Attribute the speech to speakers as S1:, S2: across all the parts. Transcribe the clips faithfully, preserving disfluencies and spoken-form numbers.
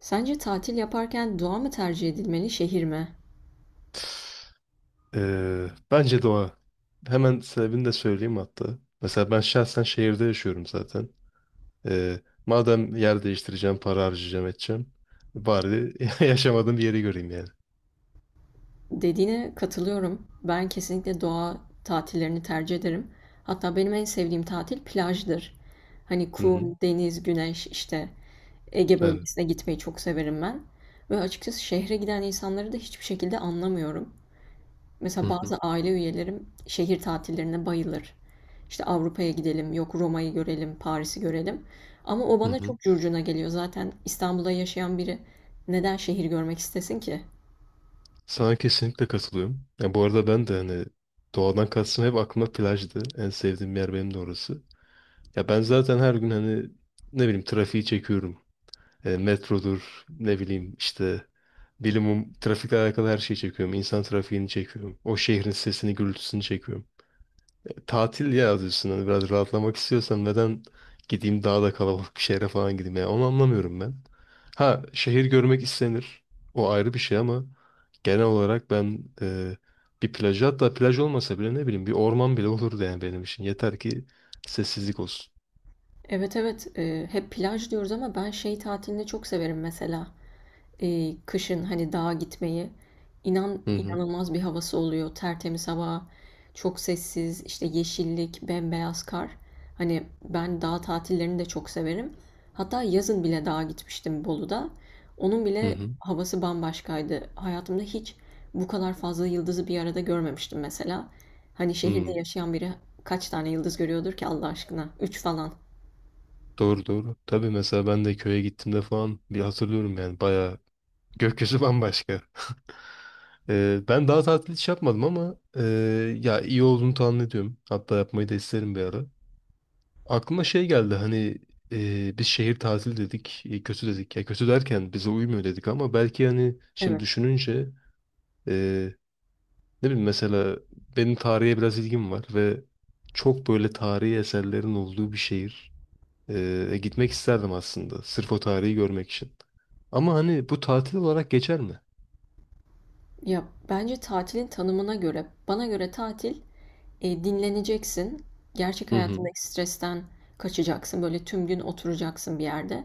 S1: Sence tatil yaparken doğa mı tercih edilmeli, şehir mi?
S2: Ee, bence doğa. Hemen sebebini de söyleyeyim hatta. Mesela ben şahsen şehirde yaşıyorum zaten. Ee, Madem yer değiştireceğim, para harcayacağım, edeceğim. Bari yaşamadığım bir yeri göreyim yani.
S1: Dediğine katılıyorum. Ben kesinlikle doğa tatillerini tercih ederim. Hatta benim en sevdiğim tatil plajdır. Hani
S2: Hı hı.
S1: kum, deniz, güneş işte Ege
S2: Evet.
S1: bölgesine gitmeyi çok severim ben. Ve açıkçası şehre giden insanları da hiçbir şekilde anlamıyorum.
S2: Hı
S1: Mesela
S2: hı.
S1: bazı aile üyelerim şehir tatillerine bayılır. İşte Avrupa'ya gidelim, yok Roma'yı görelim, Paris'i görelim. Ama o
S2: Hı
S1: bana
S2: hı.
S1: çok curcuna geliyor. Zaten İstanbul'da yaşayan biri neden şehir görmek istesin ki?
S2: Sana kesinlikle katılıyorum. Ya bu arada ben de hani doğadan kastım hep aklıma plajdı. En sevdiğim yer benim de orası. Ya ben zaten her gün hani ne bileyim trafiği çekiyorum. E, metrodur, ne bileyim işte bilimum trafikle alakalı her şeyi çekiyorum. İnsan trafiğini çekiyorum. O şehrin sesini, gürültüsünü çekiyorum. E, Tatil ya yazıyorsun. Hani biraz rahatlamak istiyorsam neden gideyim daha da kalabalık bir şehre falan gideyim ya. Onu anlamıyorum ben. Ha şehir görmek istenir. O ayrı bir şey ama genel olarak ben e, bir plaj, hatta plaj olmasa bile ne bileyim bir orman bile olurdu yani benim için. Yeter ki sessizlik olsun.
S1: Evet evet, e, hep plaj diyoruz ama ben şey tatilini çok severim mesela. Eee, kışın hani dağa gitmeyi. İnan
S2: Hı hı
S1: inanılmaz bir havası oluyor. Tertemiz hava, çok sessiz, işte yeşillik, bembeyaz kar. Hani ben dağ tatillerini de çok severim. Hatta yazın bile dağa gitmiştim Bolu'da. Onun
S2: hı
S1: bile
S2: hı.
S1: havası bambaşkaydı. Hayatımda hiç bu kadar fazla yıldızı bir arada görmemiştim mesela. Hani şehirde
S2: Hı.
S1: yaşayan biri kaç tane yıldız görüyordur ki Allah aşkına? Üç falan.
S2: Doğru doğru. Tabii mesela ben de köye gittiğimde falan bir hatırlıyorum yani bayağı gökyüzü bambaşka. Ee, ben daha tatil hiç yapmadım ama e, ya iyi olduğunu tahmin ediyorum. Hatta yapmayı da isterim bir ara. Aklıma şey geldi hani e, biz şehir tatili dedik, e, kötü dedik. Ya kötü derken bize uymuyor dedik ama belki hani şimdi
S1: Evet.
S2: düşününce e, ne bileyim mesela benim tarihe biraz ilgim var ve çok böyle tarihi eserlerin olduğu bir şehir. E, e, gitmek isterdim aslında sırf o tarihi görmek için. Ama hani bu tatil olarak geçer mi?
S1: Ya, bence tatilin tanımına göre, bana göre tatil e, dinleneceksin. Gerçek
S2: Hı hı,
S1: hayatındaki stresten kaçacaksın. Böyle tüm gün oturacaksın bir yerde.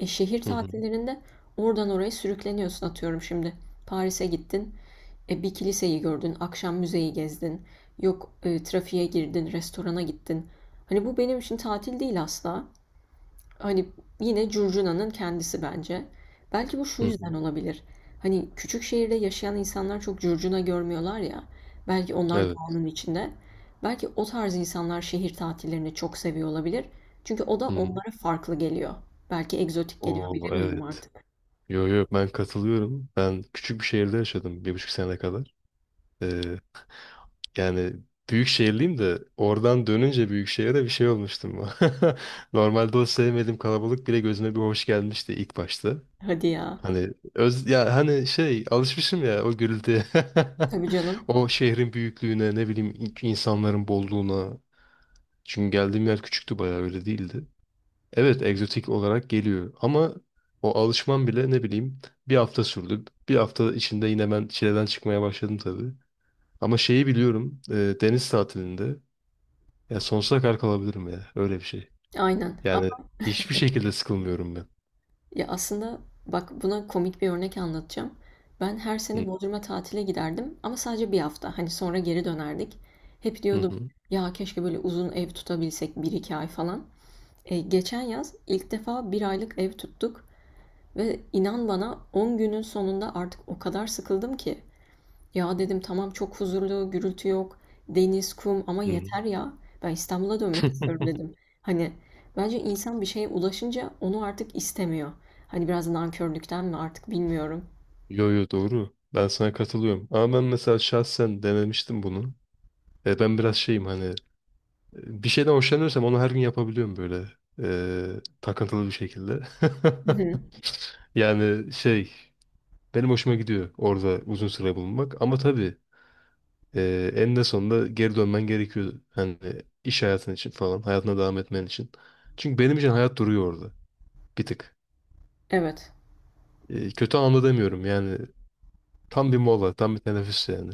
S1: E, şehir
S2: hı hı,
S1: tatillerinde oradan oraya sürükleniyorsun atıyorum şimdi. Paris'e gittin, e, bir kiliseyi gördün, akşam müzeyi gezdin. Yok e, trafiğe girdin, restorana gittin. Hani bu benim için tatil değil asla. Hani yine curcunanın kendisi bence. Belki bu şu
S2: hı
S1: yüzden
S2: hı.
S1: olabilir. Hani küçük şehirde yaşayan insanlar çok curcuna görmüyorlar ya. Belki onlar
S2: Evet.
S1: doğanın içinde. Belki o tarz insanlar şehir tatillerini çok seviyor olabilir. Çünkü o da
S2: Hı hı.
S1: onlara farklı geliyor. Belki egzotik geliyor
S2: Oo
S1: bilemiyorum
S2: evet.
S1: artık.
S2: Yo yo ben katılıyorum. Ben küçük bir şehirde yaşadım bir buçuk sene kadar. Ee, Yani büyük şehirliyim de oradan dönünce büyük şehire bir şey olmuştum. Normalde o sevmediğim kalabalık bile gözüme bir hoş gelmişti ilk başta.
S1: Hadi ya.
S2: Hani öz ya hani şey alışmışım ya o gürültüye.
S1: Tabii canım.
S2: O şehrin büyüklüğüne ne bileyim insanların bolluğuna. Çünkü geldiğim yer küçüktü bayağı öyle değildi. Evet, egzotik olarak geliyor ama o alışmam bile ne bileyim bir hafta sürdü. Bir hafta içinde yine ben çileden çıkmaya başladım tabii. Ama şeyi biliyorum, e, deniz tatilinde ya sonsuza kadar kalabilirim ya öyle bir şey.
S1: Aynen.
S2: Yani hiçbir şekilde sıkılmıyorum ben.
S1: Ya, aslında bak buna komik bir örnek anlatacağım. Ben her sene
S2: Hı
S1: Bodrum'a tatile giderdim ama sadece bir hafta. Hani sonra geri dönerdik. Hep
S2: hı
S1: diyordum
S2: hı.
S1: ya keşke böyle uzun ev tutabilsek bir iki ay falan. E, geçen yaz ilk defa bir aylık ev tuttuk ve inan bana on günün sonunda artık o kadar sıkıldım ki ya dedim tamam çok huzurlu, gürültü yok, deniz, kum ama
S2: Hı hı.
S1: yeter ya. Ben İstanbul'a dönmek istiyorum dedim. Hani bence insan bir şeye ulaşınca onu artık istemiyor. Hani biraz nankörlükten mi artık bilmiyorum.
S2: Yo yo doğru. Ben sana katılıyorum. Ama ben mesela şahsen denemiştim bunu. E, ben biraz şeyim hani e, bir şeyden hoşlanıyorsam onu her gün yapabiliyorum böyle e, takıntılı bir şekilde.
S1: Hı hı.
S2: Yani şey benim hoşuma gidiyor orada uzun süre bulunmak ama tabii e, eninde sonunda geri dönmen gerekiyor. Hani iş hayatın için falan hayatına devam etmen için. Çünkü benim için hayat duruyor orada bir tık.
S1: Evet.
S2: E, kötü anlamda demiyorum yani tam bir mola tam bir teneffüs yani.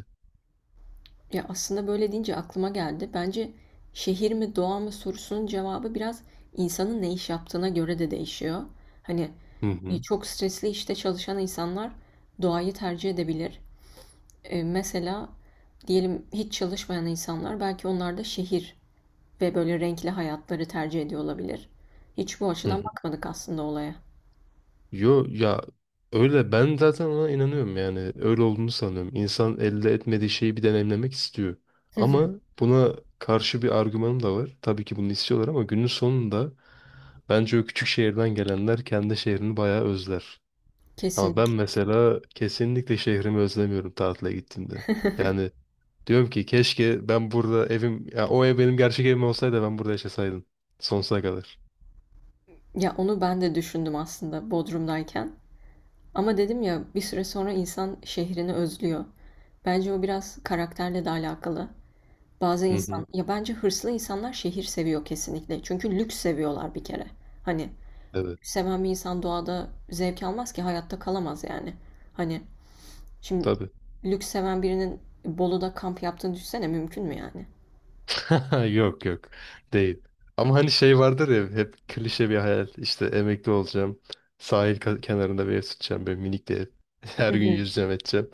S1: Ya aslında böyle deyince aklıma geldi. Bence şehir mi doğa mı sorusunun cevabı biraz insanın ne iş yaptığına göre de değişiyor. Hani
S2: Hı
S1: e,
S2: hı.
S1: çok stresli işte çalışan insanlar doğayı tercih edebilir. E, mesela diyelim hiç çalışmayan insanlar belki onlar da şehir ve böyle renkli hayatları tercih ediyor olabilir. Hiç bu
S2: Hı
S1: açıdan
S2: hı.
S1: bakmadık aslında olaya.
S2: Yo ya öyle ben zaten ona inanıyorum yani öyle olduğunu sanıyorum. İnsan elde etmediği şeyi bir deneyimlemek istiyor.
S1: Hı hı.
S2: Ama buna karşı bir argümanım da var. Tabii ki bunu istiyorlar ama günün sonunda bence o küçük şehirden gelenler kendi şehrini bayağı özler. Ama
S1: Kesin.
S2: ben mesela kesinlikle şehrimi özlemiyorum tatile gittiğimde. Yani diyorum ki keşke ben burada evim, ya o ev benim gerçek evim olsaydı ben burada yaşasaydım. Sonsuza kadar.
S1: Ya onu ben de düşündüm aslında Bodrum'dayken. Ama dedim ya bir süre sonra insan şehrini özlüyor. Bence o biraz karakterle de alakalı. Bazı
S2: Hı
S1: insan,
S2: hı.
S1: ya bence hırslı insanlar şehir seviyor kesinlikle. Çünkü lüks seviyorlar bir kere. Hani
S2: Evet.
S1: seven bir insan doğada zevk almaz ki hayatta kalamaz yani. Hani şimdi
S2: Tabii.
S1: lüks seven birinin Bolu'da kamp yaptığını düşünsene mümkün mü yani?
S2: Yok yok. Değil. Ama hani şey vardır ya hep klişe bir hayal. İşte emekli olacağım. Sahil ka- kenarında bir ev tutacağım. Böyle minik bir ev.
S1: Hı
S2: Her gün
S1: hı,
S2: yüzeceğim edeceğim.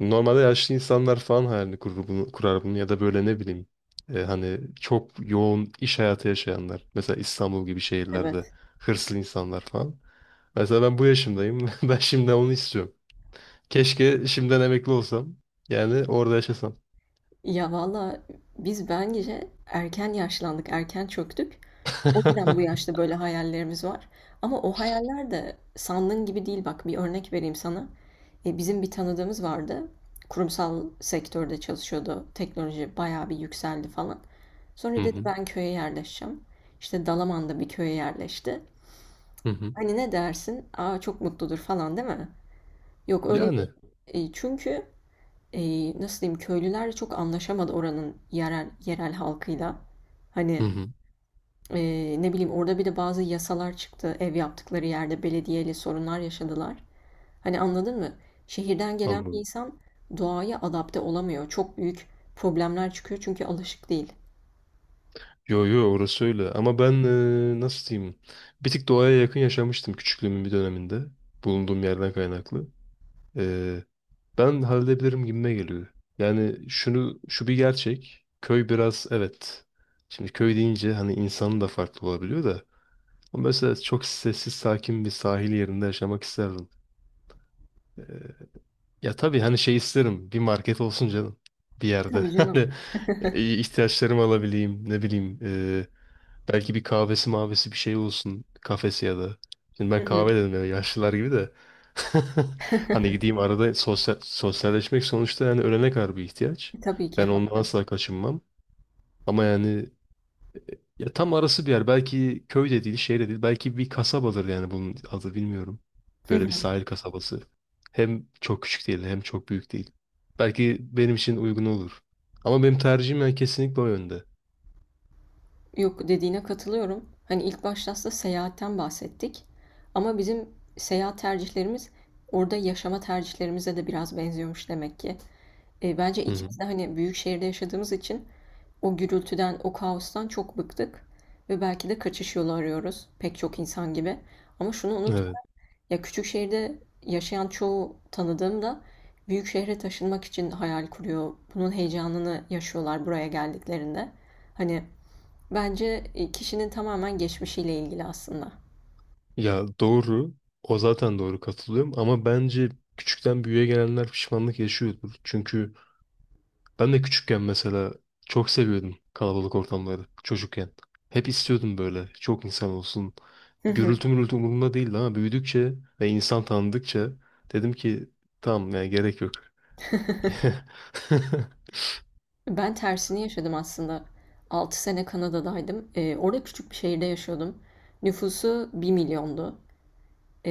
S2: Normalde yaşlı insanlar falan hayalini kurur bunu, kurar bunu ya da böyle ne bileyim e, hani çok yoğun iş hayatı yaşayanlar. Mesela İstanbul gibi şehirlerde
S1: evet.
S2: hırslı insanlar falan. Mesela ben bu yaşımdayım. Ben şimdi onu istiyorum. Keşke şimdiden emekli olsam. Yani orada yaşasam.
S1: Ya valla biz bence erken yaşlandık, erken çöktük. O yüzden bu yaşta böyle hayallerimiz var. Ama o hayaller de sandığın gibi değil. Bak bir örnek vereyim sana. E, bizim bir tanıdığımız vardı. Kurumsal sektörde çalışıyordu. Teknoloji bayağı bir yükseldi falan. Sonra
S2: Hı
S1: dedi
S2: hı,
S1: ben köye yerleşeceğim. İşte Dalaman'da bir köye yerleşti.
S2: hı hı.
S1: Hani ne dersin? Aa çok mutludur falan değil mi? Yok öyle değil.
S2: Yani
S1: E, çünkü e, nasıl diyeyim köylüler çok anlaşamadı oranın yerel yerel halkıyla.
S2: hı
S1: Hani
S2: hı,
S1: e, ne bileyim orada bir de bazı yasalar çıktı. Ev yaptıkları yerde belediyeyle sorunlar yaşadılar. Hani anladın mı? Şehirden gelen bir
S2: anladım.
S1: insan doğaya adapte olamıyor. Çok büyük problemler çıkıyor çünkü alışık değil.
S2: Yo yo orası öyle ama ben e, nasıl diyeyim bir tık doğaya yakın yaşamıştım küçüklüğümün bir döneminde bulunduğum yerden kaynaklı. E, Ben halledebilirim gibime geliyor. Yani şunu şu bir gerçek. Köy biraz evet. Şimdi köy deyince hani insanın da farklı olabiliyor da. Ama mesela çok sessiz sakin bir sahil yerinde yaşamak isterdim. Ee, Ya tabii hani şey isterim. Bir market olsun canım. Bir yerde.
S1: Tabii canım.
S2: Hani e, ihtiyaçlarımı alabileyim. Ne bileyim. e, Belki bir kahvesi mavesi bir şey olsun. Kafesi ya da. Şimdi
S1: Hı
S2: ben
S1: hı.
S2: kahve dedim ya yaşlılar gibi de. Hani gideyim arada sosyal, sosyalleşmek sonuçta yani ölene kadar bir ihtiyaç.
S1: Tabii ki
S2: Ben ondan
S1: haklı.
S2: asla kaçınmam. Ama yani ya tam arası bir yer. Belki köy de değil, şehir de değil. Belki bir kasabadır yani bunun adı bilmiyorum. Böyle bir sahil kasabası. Hem çok küçük değil hem çok büyük değil. Belki benim için uygun olur. Ama benim tercihim yani kesinlikle o yönde.
S1: Yok dediğine katılıyorum. Hani ilk başta aslında seyahatten bahsettik. Ama bizim seyahat tercihlerimiz orada yaşama tercihlerimize de biraz benziyormuş demek ki. E, bence
S2: Hı hı.
S1: ikimiz de hani büyük şehirde yaşadığımız için o gürültüden, o kaostan çok bıktık. Ve belki de kaçış yolu arıyoruz pek çok insan gibi. Ama şunu unut,
S2: Evet.
S1: ya küçük şehirde yaşayan çoğu tanıdığım da büyük şehre taşınmak için hayal kuruyor. Bunun heyecanını yaşıyorlar buraya geldiklerinde. Hani bence e, kişinin tamamen geçmişiyle ilgili aslında.
S2: Ya doğru. O zaten doğru katılıyorum ama bence küçükten büyüğe gelenler pişmanlık yaşıyordur. Çünkü ben de küçükken mesela çok seviyordum kalabalık ortamları çocukken. Hep istiyordum böyle çok insan olsun.
S1: Hı hı.
S2: Gürültü mürültü umurumda değildi ama büyüdükçe ve insan tanıdıkça dedim ki tamam ya gerek yok.
S1: Ben tersini yaşadım aslında. Altı sene Kanada'daydım. E, orada küçük bir şehirde yaşıyordum. Nüfusu bir milyondu.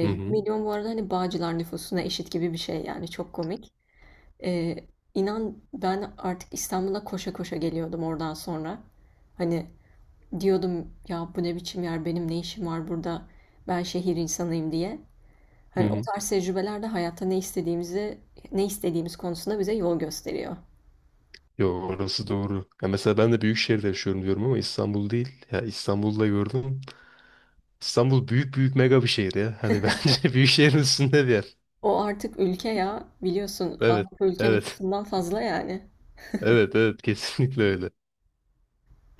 S2: Hı
S1: 1
S2: hı,
S1: milyon bu arada hani Bağcılar nüfusuna eşit gibi bir şey yani çok komik. E, inan ben artık İstanbul'a koşa koşa geliyordum oradan sonra. Hani diyordum ya bu ne biçim yer benim ne işim var burada ben şehir insanıyım diye.
S2: hı
S1: Hani o
S2: hı.
S1: tarz tecrübeler de hayatta ne istediğimizi, ne istediğimiz konusunda bize yol gösteriyor.
S2: Yo orası doğru. Ya mesela ben de büyük şehirde yaşıyorum diyorum ama İstanbul değil. Ya İstanbul'da gördüm. İstanbul büyük büyük mega bir şehir ya. Hani bence büyük şehrin üstünde bir yer.
S1: O artık ülke ya, biliyorsun
S2: Evet.
S1: Avrupa ülke
S2: Evet.
S1: nüfusundan fazla yani.
S2: Evet evet kesinlikle öyle.